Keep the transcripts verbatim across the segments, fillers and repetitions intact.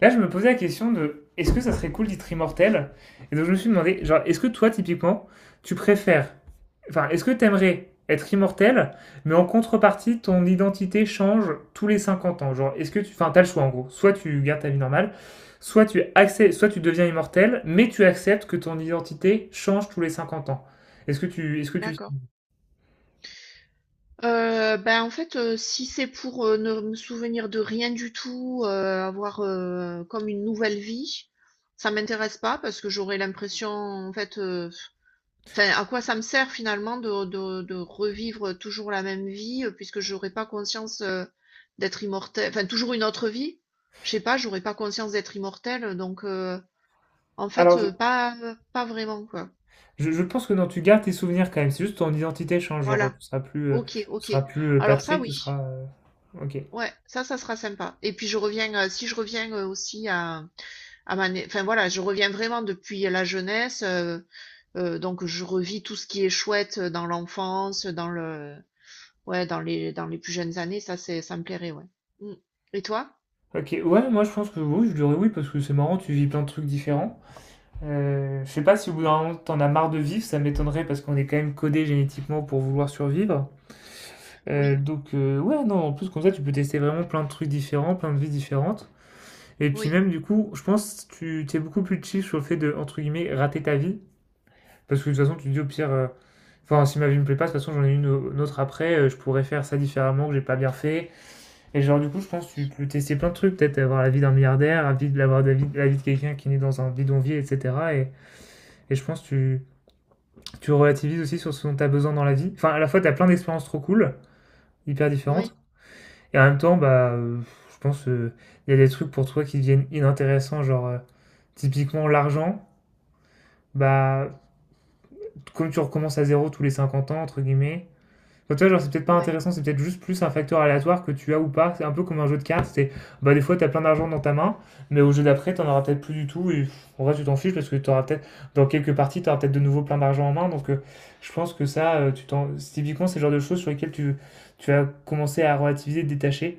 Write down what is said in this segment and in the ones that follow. Là, je me posais la question de est-ce que ça serait cool d'être immortel. Et donc, je me suis demandé, genre, est-ce que toi, typiquement, tu préfères. Enfin, est-ce que t'aimerais être immortel, mais en contrepartie, ton identité change tous les cinquante ans. Genre, est-ce que tu. Enfin, t'as le choix, en gros. Soit tu gardes ta vie normale, soit tu, accè- soit tu deviens immortel, mais tu acceptes que ton identité change tous les cinquante ans. Est-ce que tu. Est-ce que tu... D'accord. Heu, bah, en fait, heu, si c'est pour, heu, ne me souvenir de rien du tout, heu, avoir, heu, comme une nouvelle vie, ça m'intéresse pas parce que j'aurais l'impression, en fait, heu, enfin, à quoi ça me sert finalement de de de revivre toujours la même vie, heu, puisque j'aurais pas conscience, heu, d'être immortel, enfin, toujours une autre vie? Je sais pas, j'aurais pas conscience d'être immortel, donc heu, en fait, Alors, je, heu, pas pas vraiment, quoi. je- je pense que non, tu gardes tes souvenirs quand même. C'est juste ton identité change. Genre, Voilà. tu seras plus, euh, OK, tu OK. seras plus euh, Alors ça, Patrick, tu oui. seras. euh, Ok. Ouais, ça, ça sera sympa. Et puis je reviens, euh, si je reviens euh, aussi à, à ma, né- enfin voilà, je reviens vraiment depuis la jeunesse, euh, euh, donc je revis tout ce qui est chouette, euh, dans l'enfance, dans le, ouais, dans les, dans les plus jeunes années. Ça c'est, ça me plairait, ouais. Mm. Et toi? Ok, ouais, moi je pense que oui, je dirais oui parce que c'est marrant, tu vis plein de trucs différents. Euh, je sais pas si au bout d'un moment t'en as marre de vivre, ça m'étonnerait parce qu'on est quand même codé génétiquement pour vouloir survivre. Euh, Oui, donc euh, ouais, non, en plus comme ça tu peux tester vraiment plein de trucs différents, plein de vies différentes. Et puis oui, même du coup, je pense que tu t'es beaucoup plus chill sur le fait de, entre guillemets, rater ta vie. Parce que de toute façon tu te dis au pire, euh, enfin si ma vie me plaît pas, de toute façon j'en ai une, une autre après, euh, je pourrais faire ça différemment que j'ai pas bien fait. Et genre, du coup, je pense que tu peux tester plein de trucs, peut-être avoir la vie d'un milliardaire, la vie, de- avoir la vie, la vie de quelqu'un qui est né dans un bidonville, et cetera. Et, et je pense que tu, tu, relativises aussi sur ce dont tu as besoin dans la vie. Enfin, à la fois, tu as plein d'expériences trop cool, hyper différentes, oui, et en même temps, bah, euh, je pense qu'il euh, y a des trucs pour toi qui deviennent inintéressants, genre, euh, typiquement l'argent, bah, comme tu recommences à zéro tous les cinquante ans, entre guillemets. Enfin, tu vois, genre, c'est peut-être pas ouais, intéressant, c'est peut-être juste plus un facteur aléatoire que tu as ou pas. C'est un peu comme un jeu de cartes. C'est, bah, des fois, t'as plein d'argent dans ta main, mais au jeu d'après, t'en auras peut-être plus du tout. Et pff, en vrai, tu t'en fiches parce que t'auras peut-être, dans quelques parties, t'auras peut-être de nouveau plein d'argent en main. Donc, euh, je pense que ça, euh, tu t'en... c'est typiquement, c'est le genre de choses sur lesquelles tu, tu, as commencé à relativiser, te détacher.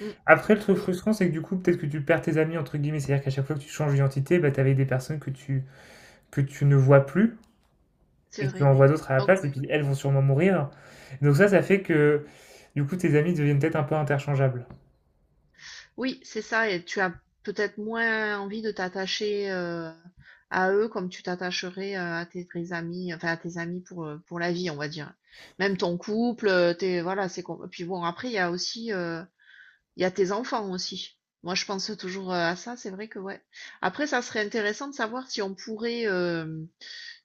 mm, Après, le truc oui, frustrant, c'est que du coup, peut-être que tu perds tes amis, entre guillemets. C'est-à-dire qu'à chaque fois que tu changes d'identité, bah, t'avais des personnes que tu, que tu ne vois plus. c'est Et tu vrai. envoies d'autres à la Donc place, et ouais. puis elles vont sûrement mourir. Donc ça, ça fait que du coup tes amis deviennent peut-être un peu interchangeables. Oui, c'est ça, et tu as peut-être moins envie de t'attacher, euh, à eux comme tu t'attacherais, euh, à tes vrais amis, enfin à tes amis pour, euh, pour la vie, on va dire. Même ton couple, euh, t'es, voilà, c'est com- puis bon, après, il y a aussi, euh, il y a tes enfants aussi. Moi, je pense toujours, euh, à ça, c'est vrai que ouais. Après, ça serait intéressant de savoir si on pourrait, euh,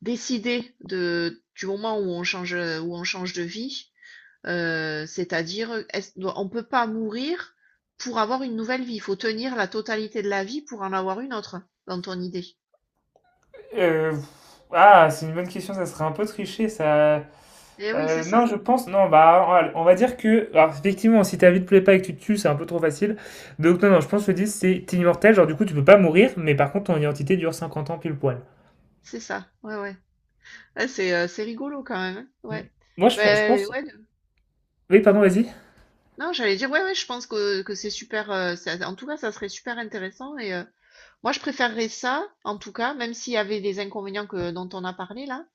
décider de, du moment où on change, où on change, de vie. Heu, c'est-à-dire, est-ce do on ne peut pas mourir pour avoir une nouvelle vie. Il faut tenir la totalité de la vie pour en avoir une autre, dans ton idée. Euh, ah, c'est une bonne question, ça serait un peu triché, ça. Et oui, c'est Euh, non, ça, je pense, non, bah, on va dire que, alors, effectivement, si ta vie te plaît pas et que tu te tues, c'est un peu trop facile. Donc, non, non, je pense que le dix, c'est t'es immortel, genre, du coup, tu peux pas mourir, mais par contre, ton identité dure cinquante ans pile poil. c'est ça. Ouais, ouais. Ouais, c'est, heu, c'est rigolo quand même, hein. Hmm. Ouais. Moi, je, je Ben pense, ouais, oui, pardon, vas-y. non, j'allais dire, ouais, ouais, je pense que que c'est super, heu, ça, en tout cas, ça serait super intéressant. et heu Moi, je préférerais ça, en tout cas, même s'il y avait des inconvénients, que, dont on a parlé là.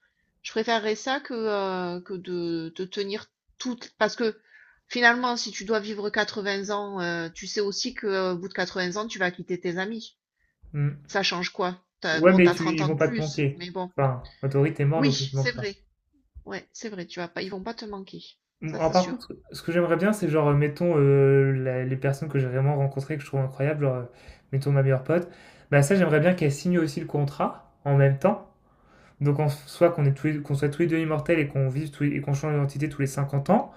Je préférerais ça que, euh, que de de tenir toutes. Parce que finalement, si tu dois vivre quatre-vingts ans, euh, tu sais aussi que, euh, au bout de quatre-vingts ans, tu vas quitter tes amis. Hmm. Ça change quoi? T'as, Ouais, bon, mais t'as tu, trente ils ans de vont pas te plus, manquer. mais bon. Enfin, en théorie, t'es mort, Oui, donc ils te c'est manquent pas. vrai. Ouais, c'est vrai, tu vas pas, ils vont pas te manquer. Bon, Ça, alors, c'est par sûr. contre, ce que j'aimerais bien, c'est genre, euh, mettons, euh, la- les personnes que j'ai vraiment rencontrées, que je trouve incroyables, genre, euh, mettons ma meilleure pote, bah ça, j'aimerais bien qu'elle signe aussi le contrat en même temps. Donc, en soit qu'on est tous les- qu'on soit tous les deux immortels et qu'on vive tous les- et qu'on change d'identité tous les cinquante ans,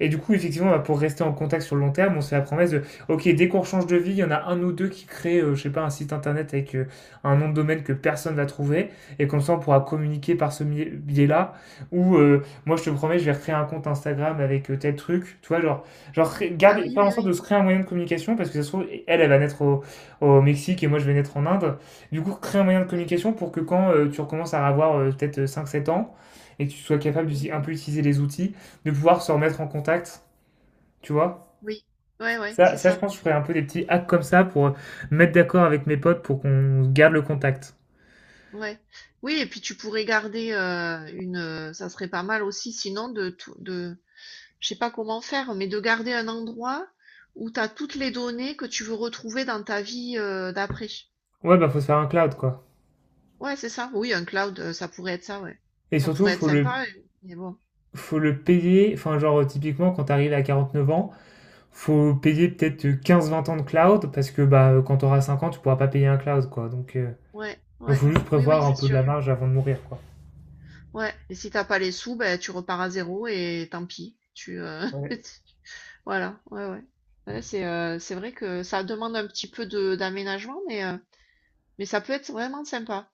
et du coup, effectivement, bah, pour rester en contact sur le long terme, on se fait la promesse de, ok, dès qu'on change de vie, il y en a un ou deux qui créent, euh, je sais pas, un site internet avec euh, un nom de domaine que personne va trouver, et comme ça, on pourra communiquer par ce mi- biais-là. Ou euh, moi, je te promets, je vais recréer un compte Instagram avec euh, tel truc. Tu vois, genre, genre cré- Ah garder, oui, faire en oui, sorte de oui. se créer un moyen de communication, parce que ça se trouve, elle, elle va naître au, au Mexique et moi, je vais naître en Inde. Du coup, créer un moyen de Ouais, communication pour que quand euh, tu recommences à avoir euh, peut-être euh, cinq, sept ans, et que tu sois capable oui, d'utiliser un peu utiliser les outils, de pouvoir se remettre en contact, tu vois. oui. Ouais, ouais, Ça, c'est ça, je ça. pense, que je ferais un peu des petits hacks comme ça pour euh, mettre d'accord avec mes potes pour qu'on garde le contact. Ouais. Oui, et puis tu pourrais garder, euh, une. euh, Ça serait pas mal aussi, sinon de tout, de. Je sais pas comment faire, mais de garder un endroit où tu as toutes les données que tu veux retrouver dans ta vie, euh, d'après. Ouais, bah, faut se faire un cloud, quoi. Ouais, c'est ça. Oui, un cloud, euh, ça pourrait être ça, ouais. Et Ça surtout, pourrait être faut le, sympa, euh, mais bon. faut le payer. Enfin, genre, euh, typiquement, quand t'arrives à quarante neuf ans, faut payer peut-être quinze vingt ans de cloud parce que, bah, quand t'auras cinq ans, tu pourras pas payer un cloud, quoi. Donc, euh, Ouais, donc, ouais. faut juste Oui, oui, prévoir un c'est peu de sûr. la marge avant de mourir, quoi. Ouais. Et si t'as pas les sous, ben tu repars à zéro et tant pis. Tu. euh, Ouais. Voilà. Ouais, ouais. Ouais, c'est euh, c'est vrai que ça demande un petit peu de d'aménagement, mais. euh, Mais ça peut être vraiment sympa.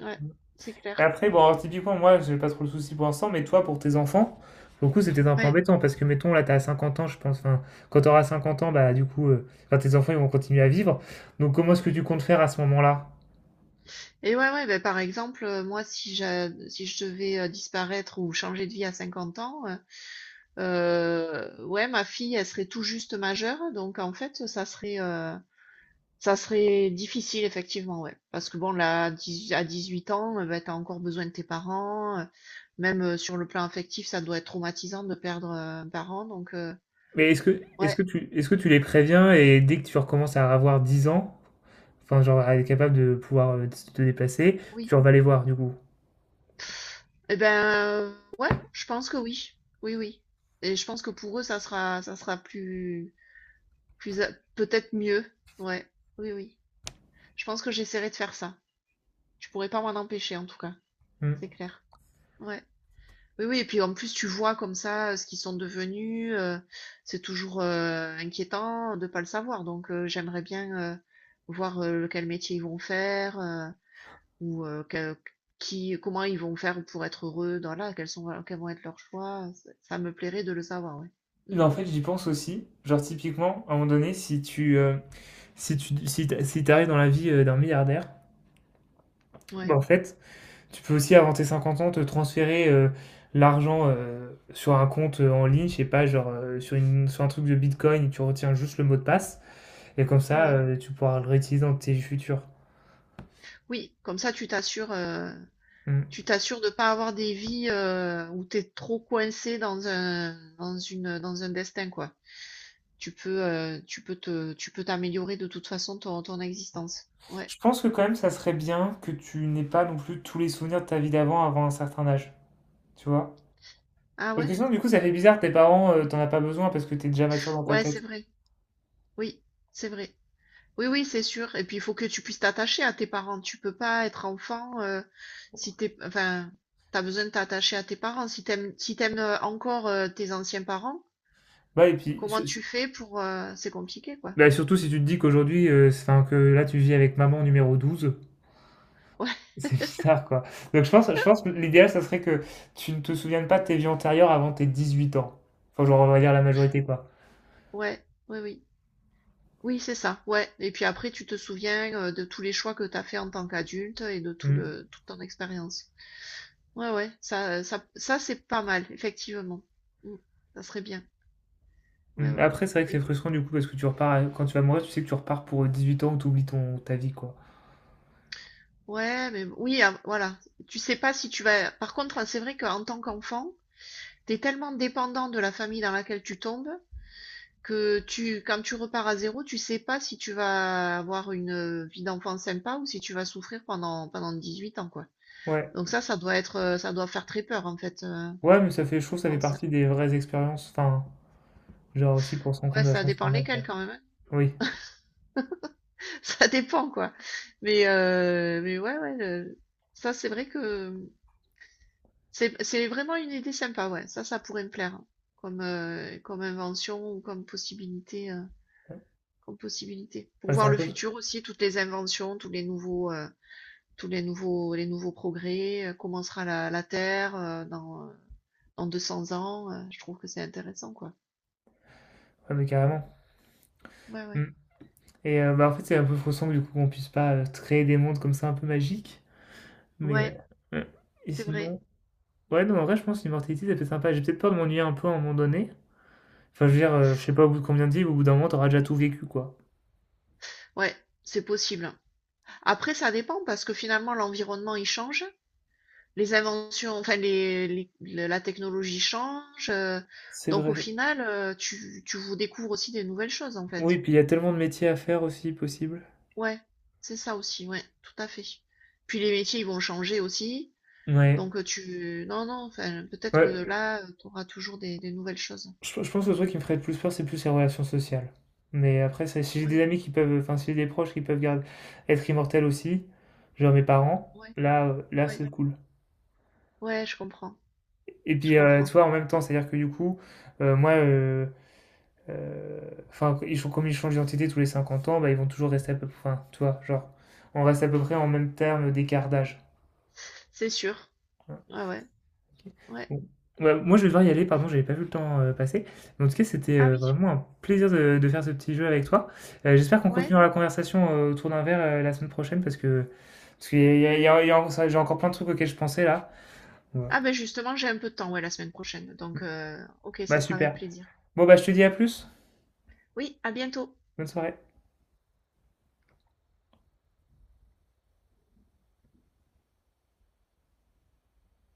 Ouais, c'est Et clair. après, bon, alors, typiquement, moi, j'ai pas trop le souci pour l'instant, mais toi, pour tes enfants, pour le coup, c'était un peu Ouais. embêtant parce que, mettons, là, t'as cinquante ans, je pense. Enfin, quand t'auras cinquante ans, bah, du coup, euh, enfin, tes enfants, ils vont continuer à vivre. Donc, comment est-ce que tu comptes faire à ce moment-là? Et ouais, ouais, ben, par exemple, euh, moi, si j'a- si je devais, euh, disparaître ou changer de vie à cinquante ans, euh, euh, ouais, ma fille, elle serait tout juste majeure. Donc, en fait, ça serait, euh, ça serait difficile, effectivement, ouais. Parce que bon, là, à dix-huit à dix-huit ans, euh, ben, t'as encore besoin de tes parents. euh, Même, euh, sur le plan affectif, ça doit être traumatisant de perdre, euh, un parent. Donc, euh, Mais est-ce que, est-ce ouais, que tu, est-ce que tu les préviens et dès que tu recommences à avoir dix ans, enfin, genre, à être capable de pouvoir euh, te te déplacer, tu oui. vas les voir, du coup? Eh ben, euh, ouais, je pense que oui. Oui, oui. Et je pense que pour eux, ça sera, ça sera plus, plus, a- peut-être mieux. Ouais, oui, oui. Je pense que j'essaierai de faire ça. Je pourrais pas m'en empêcher, en tout cas. Hmm. C'est clair. Ouais. Oui, oui. Et puis en plus, tu vois comme ça, euh, ce qu'ils sont devenus. Euh, c'est toujours, euh, inquiétant de pas le savoir. Donc, euh, j'aimerais bien, euh, voir, euh, lequel métier ils vont faire. Euh, ou, euh, que- qui, comment ils vont faire pour être heureux dans là, quels sont, voilà, quels vont être leurs choix. Ça ça me plairait de le savoir, ouais. Mm, Non, en fait, j'y pense aussi. Genre, typiquement, à un moment donné, si tu, euh, si tu, si t'a- si t'arrives dans la vie euh, d'un milliardaire, bah, ouais, en fait, tu peux aussi, avant tes cinquante ans, te transférer euh, l'argent euh, sur un compte euh, en ligne, je sais pas, genre euh, sur, une, sur un truc de Bitcoin, tu retiens juste le mot de passe, et comme ça, ouais. euh, tu pourras le réutiliser dans tes futurs. Oui, comme ça, tu t'assures, euh, Mm. tu t'assures de pas avoir des vies, euh, où t'es trop coincé dans un, dans une, dans un destin, quoi. Tu peux, euh, tu peux te, tu peux t'améliorer de toute façon ton, ton existence. Ouais. Je pense que quand même, ça serait bien que tu n'aies pas non plus tous les souvenirs de ta vie d'avant avant un certain âge, tu vois? Ah Parce que ouais? sinon, du coup, ça fait bizarre, tes parents, euh, t'en as pas besoin parce que t'es déjà mature dans ta Ouais, tête. c'est vrai. Oui, c'est vrai. Oui, oui, c'est sûr. Et puis, il faut que tu puisses t'attacher à tes parents. Tu peux pas être enfant, euh, si t'es, enfin, t'as besoin de t'attacher à tes parents. Si t'aimes, si t'aimes euh, encore euh, tes anciens parents, Bah, et puis, comment su- su- tu fais pour, euh, c'est compliqué, quoi. bah, surtout si tu te dis qu'aujourd'hui, euh, c'est- enfin, que là, tu vis avec maman numéro douze. Ouais, C'est bizarre, quoi. Donc je pense je pense que l'idéal, ça serait que tu ne te souviennes pas de tes vies antérieures avant tes dix-huit ans. Enfin, genre, on va dire la majorité, quoi. ouais, oui, oui, oui, c'est ça. Ouais. Et puis après, tu te souviens, euh, de tous les choix que t'as fait en tant qu'adulte et de tout Mmh, le, toute ton expérience. Ouais, ouais. Ça, ça, ça, c'est pas mal, effectivement. Mm. Ça serait bien. Ouais, mmh. ouais. Après, c'est vrai que c'est frustrant, du coup, parce que tu repars à- quand tu vas mourir, tu sais que tu repars pour, euh, dix-huit ans où tu oublies ton ta vie, quoi. Ouais, mais b oui, av voilà. Tu sais pas si tu vas par contre, heu, c'est vrai qu'en tant qu'enfant, t'es tellement dépendant de la famille dans laquelle tu tombes que tu quand tu repars à zéro, tu sais pas si tu vas avoir une, heu, vie d'enfant sympa ou si tu vas souffrir pendant pendant dix-huit ans, quoi. Ouais. Donc ça, ça doit être, heu, ça doit faire très peur, en fait, heu, Ouais, mais ça fait, je trouve, je ça fait pense. partie des vraies expériences, enfin, genre aussi pour se rendre compte Ouais, de la ça chance dépend qu'on a, lesquels quoi. quand même, hein. Oui. Ça dépend, quoi. Mais heu, mais ouais, ouais, le ça, c'est vrai que C'est, c'est vraiment une idée sympa, ouais. Ça, ça pourrait me plaire hein, comme, euh, comme invention ou comme possibilité, euh, Ouais. comme possibilité. Pour Bah, c'est voir un le peu futur aussi, toutes les inventions, tous les nouveaux, euh, tous les nouveaux, les nouveaux progrès, euh, comment sera la, la Terre, euh, dans, euh, dans deux cents ans. Euh, je trouve que c'est intéressant, quoi. ouais, mais carrément. Ouais, ouais. Mmh et heu, bah, en fait, c'est un peu frustrant, du coup, qu'on puisse pas, heu, créer des mondes comme ça un peu magiques, mais Ouais, heu, mmh et c'est vrai. sinon. Ouais, non, en vrai, je pense que l'immortalité, ça fait sympa. J'ai peut-être peur de m'ennuyer un peu à un moment donné. Enfin, je veux dire, euh, je sais pas au bout de combien de vies, au bout d'un moment, t'auras déjà tout vécu, quoi. Ouais, c'est possible. Après, ça dépend parce que finalement, l'environnement, il change. Les inventions, enfin les, les- le- la technologie change. euh, C'est Donc au vrai. final, euh, tu, tu vous découvres aussi des nouvelles choses en fait. Oui, puis il y a tellement de métiers à faire aussi, possible. Ouais, c'est ça aussi, ouais, tout à fait. Puis les métiers, ils vont changer aussi. Ouais. Donc, euh, tu... non, non, enfin, peut-être que Ouais, là, tu auras toujours des, des nouvelles choses. je, je pense que le truc qui me ferait le plus peur, c'est plus les relations sociales. Mais après, ça, si j'ai des Ouais, amis qui peuvent, enfin, si j'ai des proches qui peuvent garder, être immortels aussi, genre mes parents, ouais, là, euh, là, ouais. c'est cool. Ouais, je comprends, Et je puis, euh, comprends. tu vois, en même temps, c'est-à-dire que du coup, euh, moi, euh, Heu, enfin, ils changent comme ils changent d'identité tous les cinquante ans, bah, ils vont toujours rester à peu près. Enfin, tu vois? Genre, on reste à peu près en même terme d'écart d'âge. C'est sûr. Ouais, Ouais, ouais, OK. ouais. Bon, bah, moi, je vais devoir y aller, pardon, j'avais pas vu le temps, heu, passer. Mais en tout cas, c'était, Ah heu, oui, vraiment un plaisir de de faire ce petit jeu avec toi. Heu, j'espère qu'on ouais. continuera la conversation, heu, autour d'un verre, heu, la semaine prochaine parce que parce qu'il y a il y a il y a il y a j'ai encore plein de trucs auxquels je pensais là. Ouais. Ah ben justement, j'ai un peu de temps, ouais, la semaine prochaine. Mmh. Donc, euh, ok, Bah, ça sera avec super. plaisir. Bon, bah, je te dis à plus. Oui, à bientôt. Bonne soirée.